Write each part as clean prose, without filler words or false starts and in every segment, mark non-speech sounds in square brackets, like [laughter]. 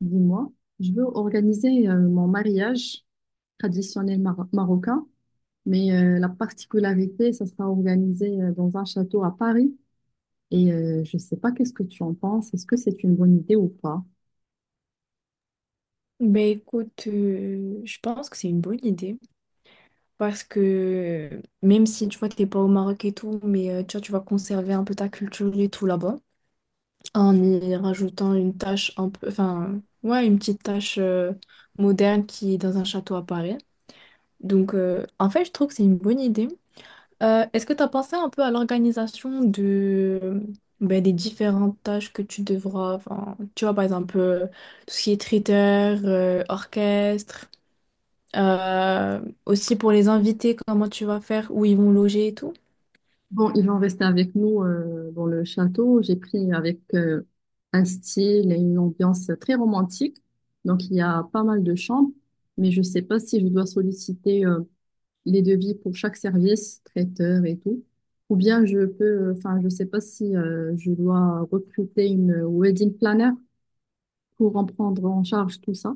Dis-moi, je veux organiser mon mariage traditionnel marocain, mais la particularité, ça sera organisé dans un château à Paris. Et je ne sais pas qu'est-ce que tu en penses, est-ce que c'est une bonne idée ou pas? Ben écoute, je pense que c'est une bonne idée parce que même si tu vois t'es pas au Maroc et tout, mais tu vois, tu vas conserver un peu ta culture et tout là-bas en y rajoutant une tâche un peu, enfin ouais une petite tâche moderne qui est dans un château à Paris. Donc en fait je trouve que c'est une bonne idée. Est-ce que tu as pensé un peu à l'organisation de ben, des différentes tâches que tu devras, enfin tu vois par exemple tout ce qui est traiteur, orchestre. Aussi pour les invités, comment tu vas faire, où ils vont loger et tout. Bon, ils vont rester avec nous dans le château. J'ai pris avec un style et une ambiance très romantique. Donc, il y a pas mal de chambres, mais je ne sais pas si je dois solliciter les devis pour chaque service, traiteur et tout. Ou bien je peux, enfin, je sais pas si je dois recruter une wedding planner pour en prendre en charge tout ça.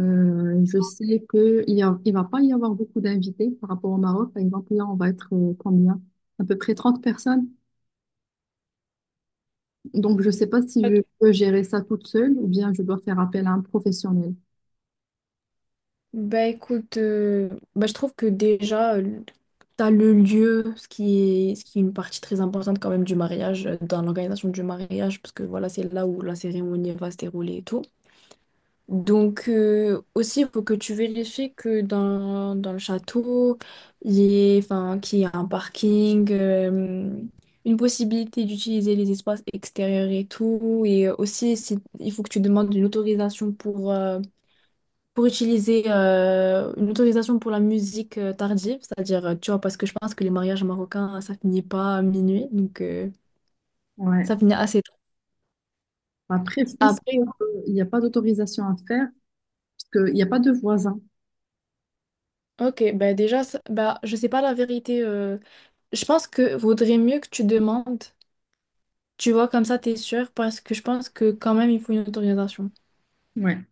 Je sais que il va pas y avoir beaucoup d'invités par rapport au Maroc. Par exemple, là, on va être combien? À peu près 30 personnes. Donc, je sais pas si je peux gérer ça toute seule ou bien je dois faire appel à un professionnel. Bah écoute, je trouve que déjà, tu as le lieu, ce qui est une partie très importante quand même du mariage, dans l'organisation du mariage, parce que voilà, c'est là où la cérémonie va se dérouler et tout. Donc aussi, il faut que tu vérifies que dans le château, il y ait, enfin, qu'il y ait un parking, une possibilité d'utiliser les espaces extérieurs et tout. Et aussi, il faut que tu demandes une autorisation pour utiliser une autorisation pour la musique tardive. C'est-à-dire, tu vois, parce que je pense que les mariages marocains, ça finit pas à minuit. Donc, Ouais. ça finit assez tôt. Après, je pense Après, qu'il n'y a pas d'autorisation à faire parce qu'il n'y a pas de voisins. ok, bah déjà, je sais pas la vérité. Je pense que vaudrait mieux que tu demandes. Tu vois, comme ça, t'es sûr, parce que je pense que quand même, il faut une autorisation. Ouais.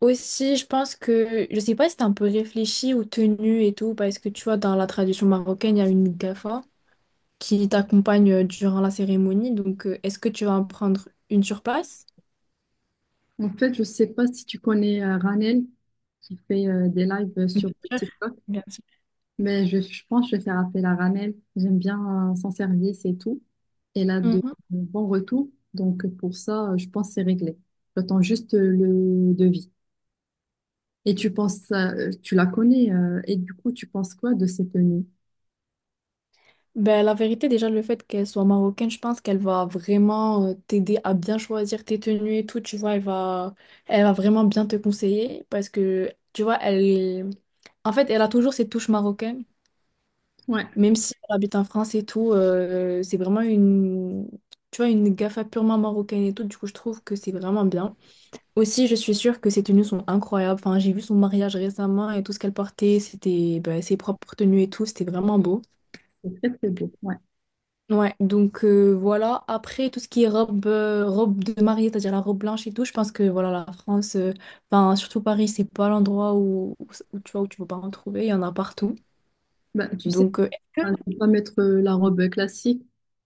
Aussi, je pense que, je sais pas si t'as un peu réfléchi aux tenues et tout, parce que tu vois, dans la tradition marocaine, il y a une gafa qui t'accompagne durant la cérémonie. Donc, est-ce que tu vas en prendre une sur place? En fait, je sais pas si tu connais Ranel qui fait des lives Bien sur sûr, TikTok, bien sûr. mais je pense que je vais faire appel à Ranel. J'aime bien son service et tout. Elle a Mhm. de bons retours. Donc pour ça, je pense que c'est réglé. J'attends juste le devis. Et tu penses, tu la connais, et du coup, tu penses quoi de cette tenue? Ben, la vérité, déjà, le fait qu'elle soit marocaine, je pense qu'elle va vraiment t'aider à bien choisir tes tenues et tout, tu vois, elle va vraiment bien te conseiller parce que, tu vois, elle, en fait, elle a toujours cette touche marocaine, Ouais, même si elle habite en France et tout, c'est vraiment une, tu vois, une gafa purement marocaine et tout, du coup, je trouve que c'est vraiment bien. Aussi, je suis sûre que ses tenues sont incroyables, enfin, j'ai vu son mariage récemment et tout ce qu'elle portait, c'était, ben, ses propres tenues et tout, c'était vraiment beau. c'est très très beau. Ouais. Ouais, donc voilà. Après, tout ce qui est robe, robe de mariée, c'est-à-dire la robe blanche et tout, je pense que voilà, la France, enfin, surtout Paris, c'est pas l'endroit où tu vois, où tu peux pas en trouver. Il y en a partout. Bah, tu sais, Donc, enfin, je vais pas mettre la robe classique,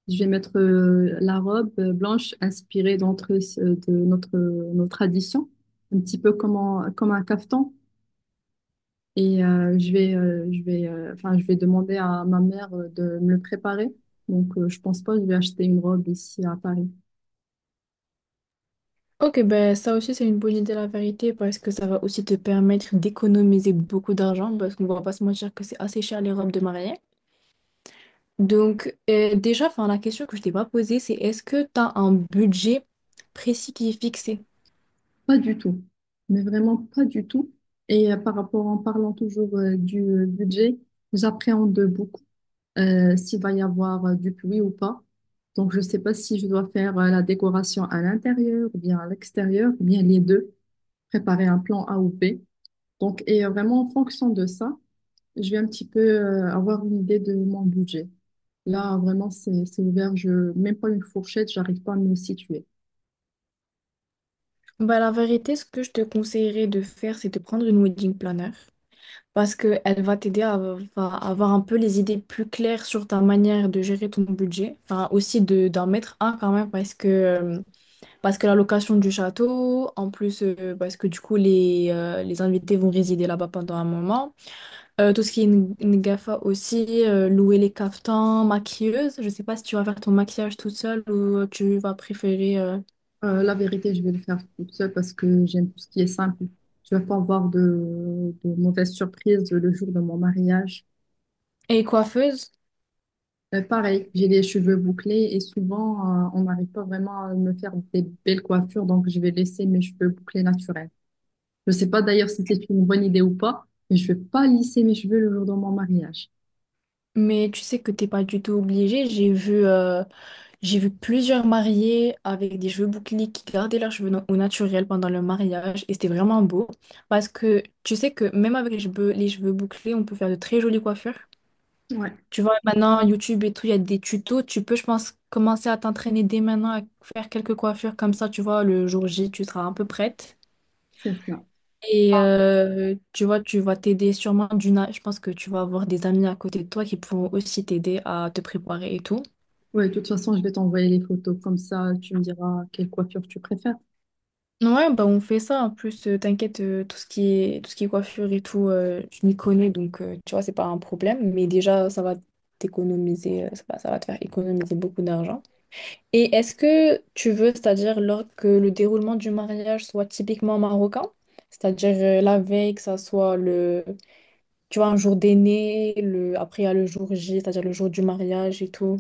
je vais mettre la robe blanche inspirée de nos traditions, un petit peu comme, comme un caftan. Et je vais demander à ma mère de me le préparer. Donc, je pense pas que je vais acheter une robe ici à Paris. ok, ben ça aussi, c'est une bonne idée, la vérité, parce que ça va aussi te permettre d'économiser beaucoup d'argent, parce qu'on va pas se mentir que c'est assez cher les robes de mariée. Donc, déjà, enfin, la question que je t'ai pas posée, c'est est-ce que tu as un budget précis qui est fixé? Pas du tout. Mais vraiment pas du tout. Et par rapport, en parlant toujours du budget, j'appréhende beaucoup. S'il va y avoir du pluie ou pas. Donc, je ne sais pas si je dois faire la décoration à l'intérieur ou bien à l'extérieur, ou bien les deux, préparer un plan A ou B. Donc, et vraiment, en fonction de ça, je vais un petit peu avoir une idée de mon budget. Là, vraiment, c'est ouvert. Je, même pas une fourchette, j'arrive pas à me situer. Bah, la vérité, ce que je te conseillerais de faire, c'est de prendre une wedding planner parce qu'elle va à avoir un peu les idées plus claires sur ta manière de gérer ton budget. Enfin, aussi d'en mettre un quand même parce que la location du château, en plus, parce que du coup, les invités vont résider là-bas pendant un moment. Tout ce qui est Ngafa aussi, louer les caftans, maquilleuse. Je sais pas si tu vas faire ton maquillage toute seule ou tu vas préférer... La vérité, je vais le faire toute seule parce que j'aime tout ce qui est simple. Je ne veux pas avoir de mauvaises surprises le jour de mon mariage. et coiffeuse. Pareil, j'ai les cheveux bouclés et souvent, on n'arrive pas vraiment à me faire des belles coiffures, donc je vais laisser mes cheveux bouclés naturels. Je sais pas d'ailleurs si c'est une bonne idée ou pas, mais je vais pas lisser mes cheveux le jour de mon mariage. Mais tu sais que t'es pas du tout obligé. J'ai vu plusieurs mariés avec des cheveux bouclés qui gardaient leurs cheveux au naturel pendant le mariage et c'était vraiment beau parce que tu sais que même avec les cheveux bouclés, on peut faire de très jolies coiffures. Ouais, Tu vois, maintenant YouTube et tout, il y a des tutos. Tu peux, je pense, commencer à t'entraîner dès maintenant à faire quelques coiffures comme ça. Tu vois, le jour J, tu seras un peu prête. c'est ça. Et tu vois, tu vas t'aider sûrement d'une. Je pense que tu vas avoir des amis à côté de toi qui pourront aussi t'aider à te préparer et tout. Ouais, de toute façon, je vais t'envoyer les photos, comme ça, tu me diras quelle coiffure tu préfères. Ouais, bah on fait ça. En plus, t'inquiète, tout ce qui est, tout ce qui est coiffure et tout, je m'y connais, donc tu vois, c'est pas un problème. Mais déjà, ça va te faire économiser beaucoup d'argent. Et est-ce que tu veux, c'est-à-dire lors que le déroulement du mariage soit typiquement marocain, c'est-à-dire la veille, que ça soit le, tu vois, un jour d'aîné, le, après il y a le jour J, c'est-à-dire le jour du mariage et tout.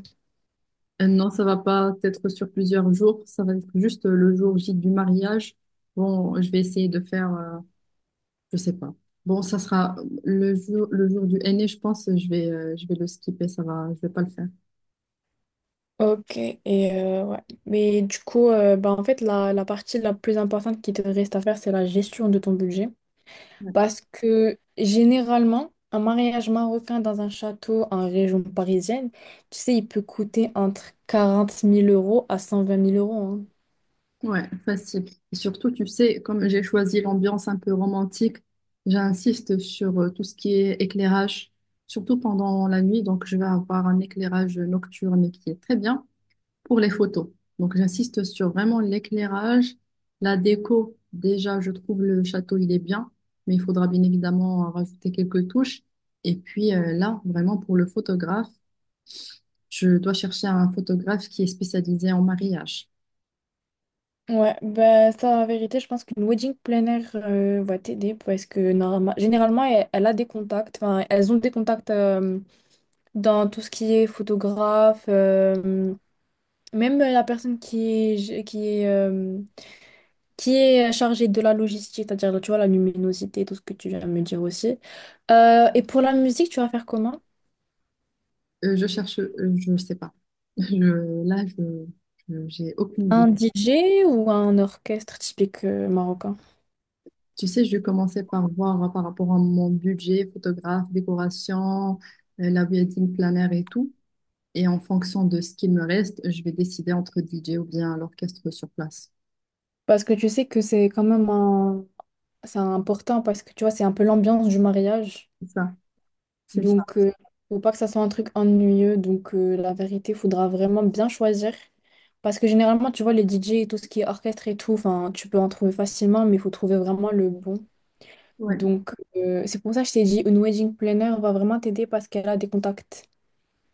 Non, ça va pas être sur plusieurs jours, ça va être juste le jour J du mariage. Bon, je vais essayer de faire je sais pas. Bon, ça sera le jour du henné, je pense, je vais le skipper, ça va, je vais pas le faire. Ok, et ouais. Mais du coup, en fait, la partie la plus importante qui te reste à faire, c'est la gestion de ton budget. Ouais, Parce que généralement, un mariage marocain dans un château en région parisienne, tu sais, il peut coûter entre 40 000 euros à 120 000 euros, hein. ouais, facile. Et surtout, tu sais, comme j'ai choisi l'ambiance un peu romantique, j'insiste sur tout ce qui est éclairage, surtout pendant la nuit, donc je vais avoir un éclairage nocturne qui est très bien pour les photos. Donc, j'insiste sur vraiment l'éclairage, la déco. Déjà, je trouve le château, il est bien, mais il faudra bien évidemment rajouter quelques touches. Et puis là, vraiment pour le photographe, je dois chercher un photographe qui est spécialisé en mariage. Ouais, bah, ça, en vérité, je pense qu'une wedding planner va t'aider parce que généralement, elle, elle a des contacts, enfin, elles ont des contacts dans tout ce qui est photographe. Même la personne qui est, euh, qui est chargée de la logistique, c'est-à-dire, là, tu vois, la luminosité, tout ce que tu viens de me dire aussi. Et pour la musique, tu vas faire comment? Je cherche, je ne sais pas. [laughs] Là, j'ai aucune idée. Un DJ ou un orchestre typique marocain? Tu sais, je commençais par voir par rapport à mon budget, photographe, décoration, la wedding planner et tout. Et en fonction de ce qu'il me reste, je vais décider entre DJ ou bien l'orchestre sur place. Parce que tu sais que c'est quand même un... c'est important parce que tu vois, c'est un peu l'ambiance du mariage. C'est ça, c'est ça. Donc, faut pas que ça soit un truc ennuyeux. Donc, la vérité, faudra vraiment bien choisir. Parce que généralement, tu vois, les DJ et tout ce qui est orchestre et tout, enfin, tu peux en trouver facilement, mais il faut trouver vraiment le bon. Ouais, Donc, c'est pour ça que je t'ai dit, une wedding planner va vraiment t'aider parce qu'elle a des contacts.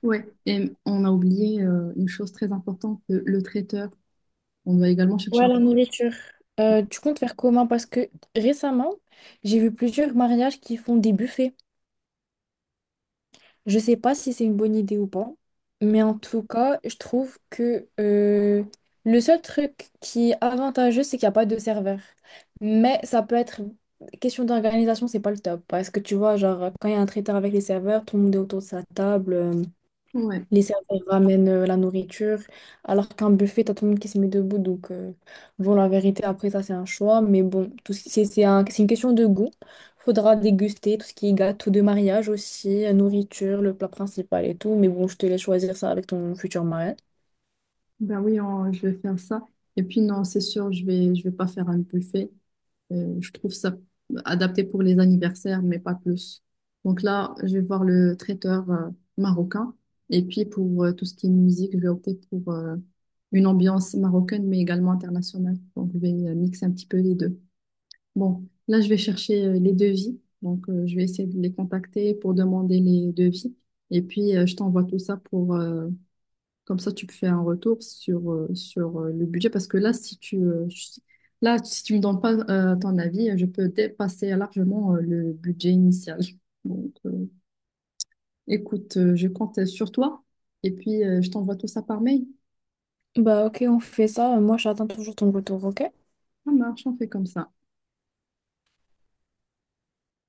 ouais. Et on a oublié une chose très importante, le traiteur. On doit également chercher Ouais, un... la nourriture. Tu comptes faire comment? Parce que récemment, j'ai vu plusieurs mariages qui font des buffets. Je sais pas si c'est une bonne idée ou pas, mais en tout cas, je trouve que le seul truc qui est avantageux, c'est qu'il n'y a pas de serveur. Mais ça peut être question d'organisation, c'est pas le top. Parce que tu vois, genre, quand il y a un traiteur avec les serveurs, tout le monde est autour de sa table. Ouais, Les serveurs ramènent la nourriture, alors qu'un buffet, t'as tout le monde qui se met debout. Donc, bon, la vérité, après, ça, c'est un choix. Mais bon, tout ce c'est un- c'est une question de goût. Faudra déguster tout ce qui est gâteau de mariage aussi, nourriture, le plat principal et tout. Mais bon, je te laisse choisir ça avec ton futur mari. ben oui, je vais faire ça. Et puis non, c'est sûr, je vais pas faire un buffet. Je trouve ça adapté pour les anniversaires, mais pas plus. Donc là, je vais voir le traiteur marocain. Et puis pour tout ce qui est musique, je vais opter pour une ambiance marocaine, mais également internationale. Donc je vais mixer un petit peu les deux. Bon, là, je vais chercher les devis. Donc je vais essayer de les contacter pour demander les devis. Et puis je t'envoie tout ça pour, comme ça, tu fais un retour sur, sur le budget. Parce que là, si tu là, si tu me donnes pas ton avis, je peux dépasser largement le budget initial. [laughs] Donc, écoute, je compte sur toi. Et puis, je t'envoie tout ça par mail. Bah, ok, on fait ça. Moi, j'attends toujours ton retour, ok? Ça marche, on fait comme ça.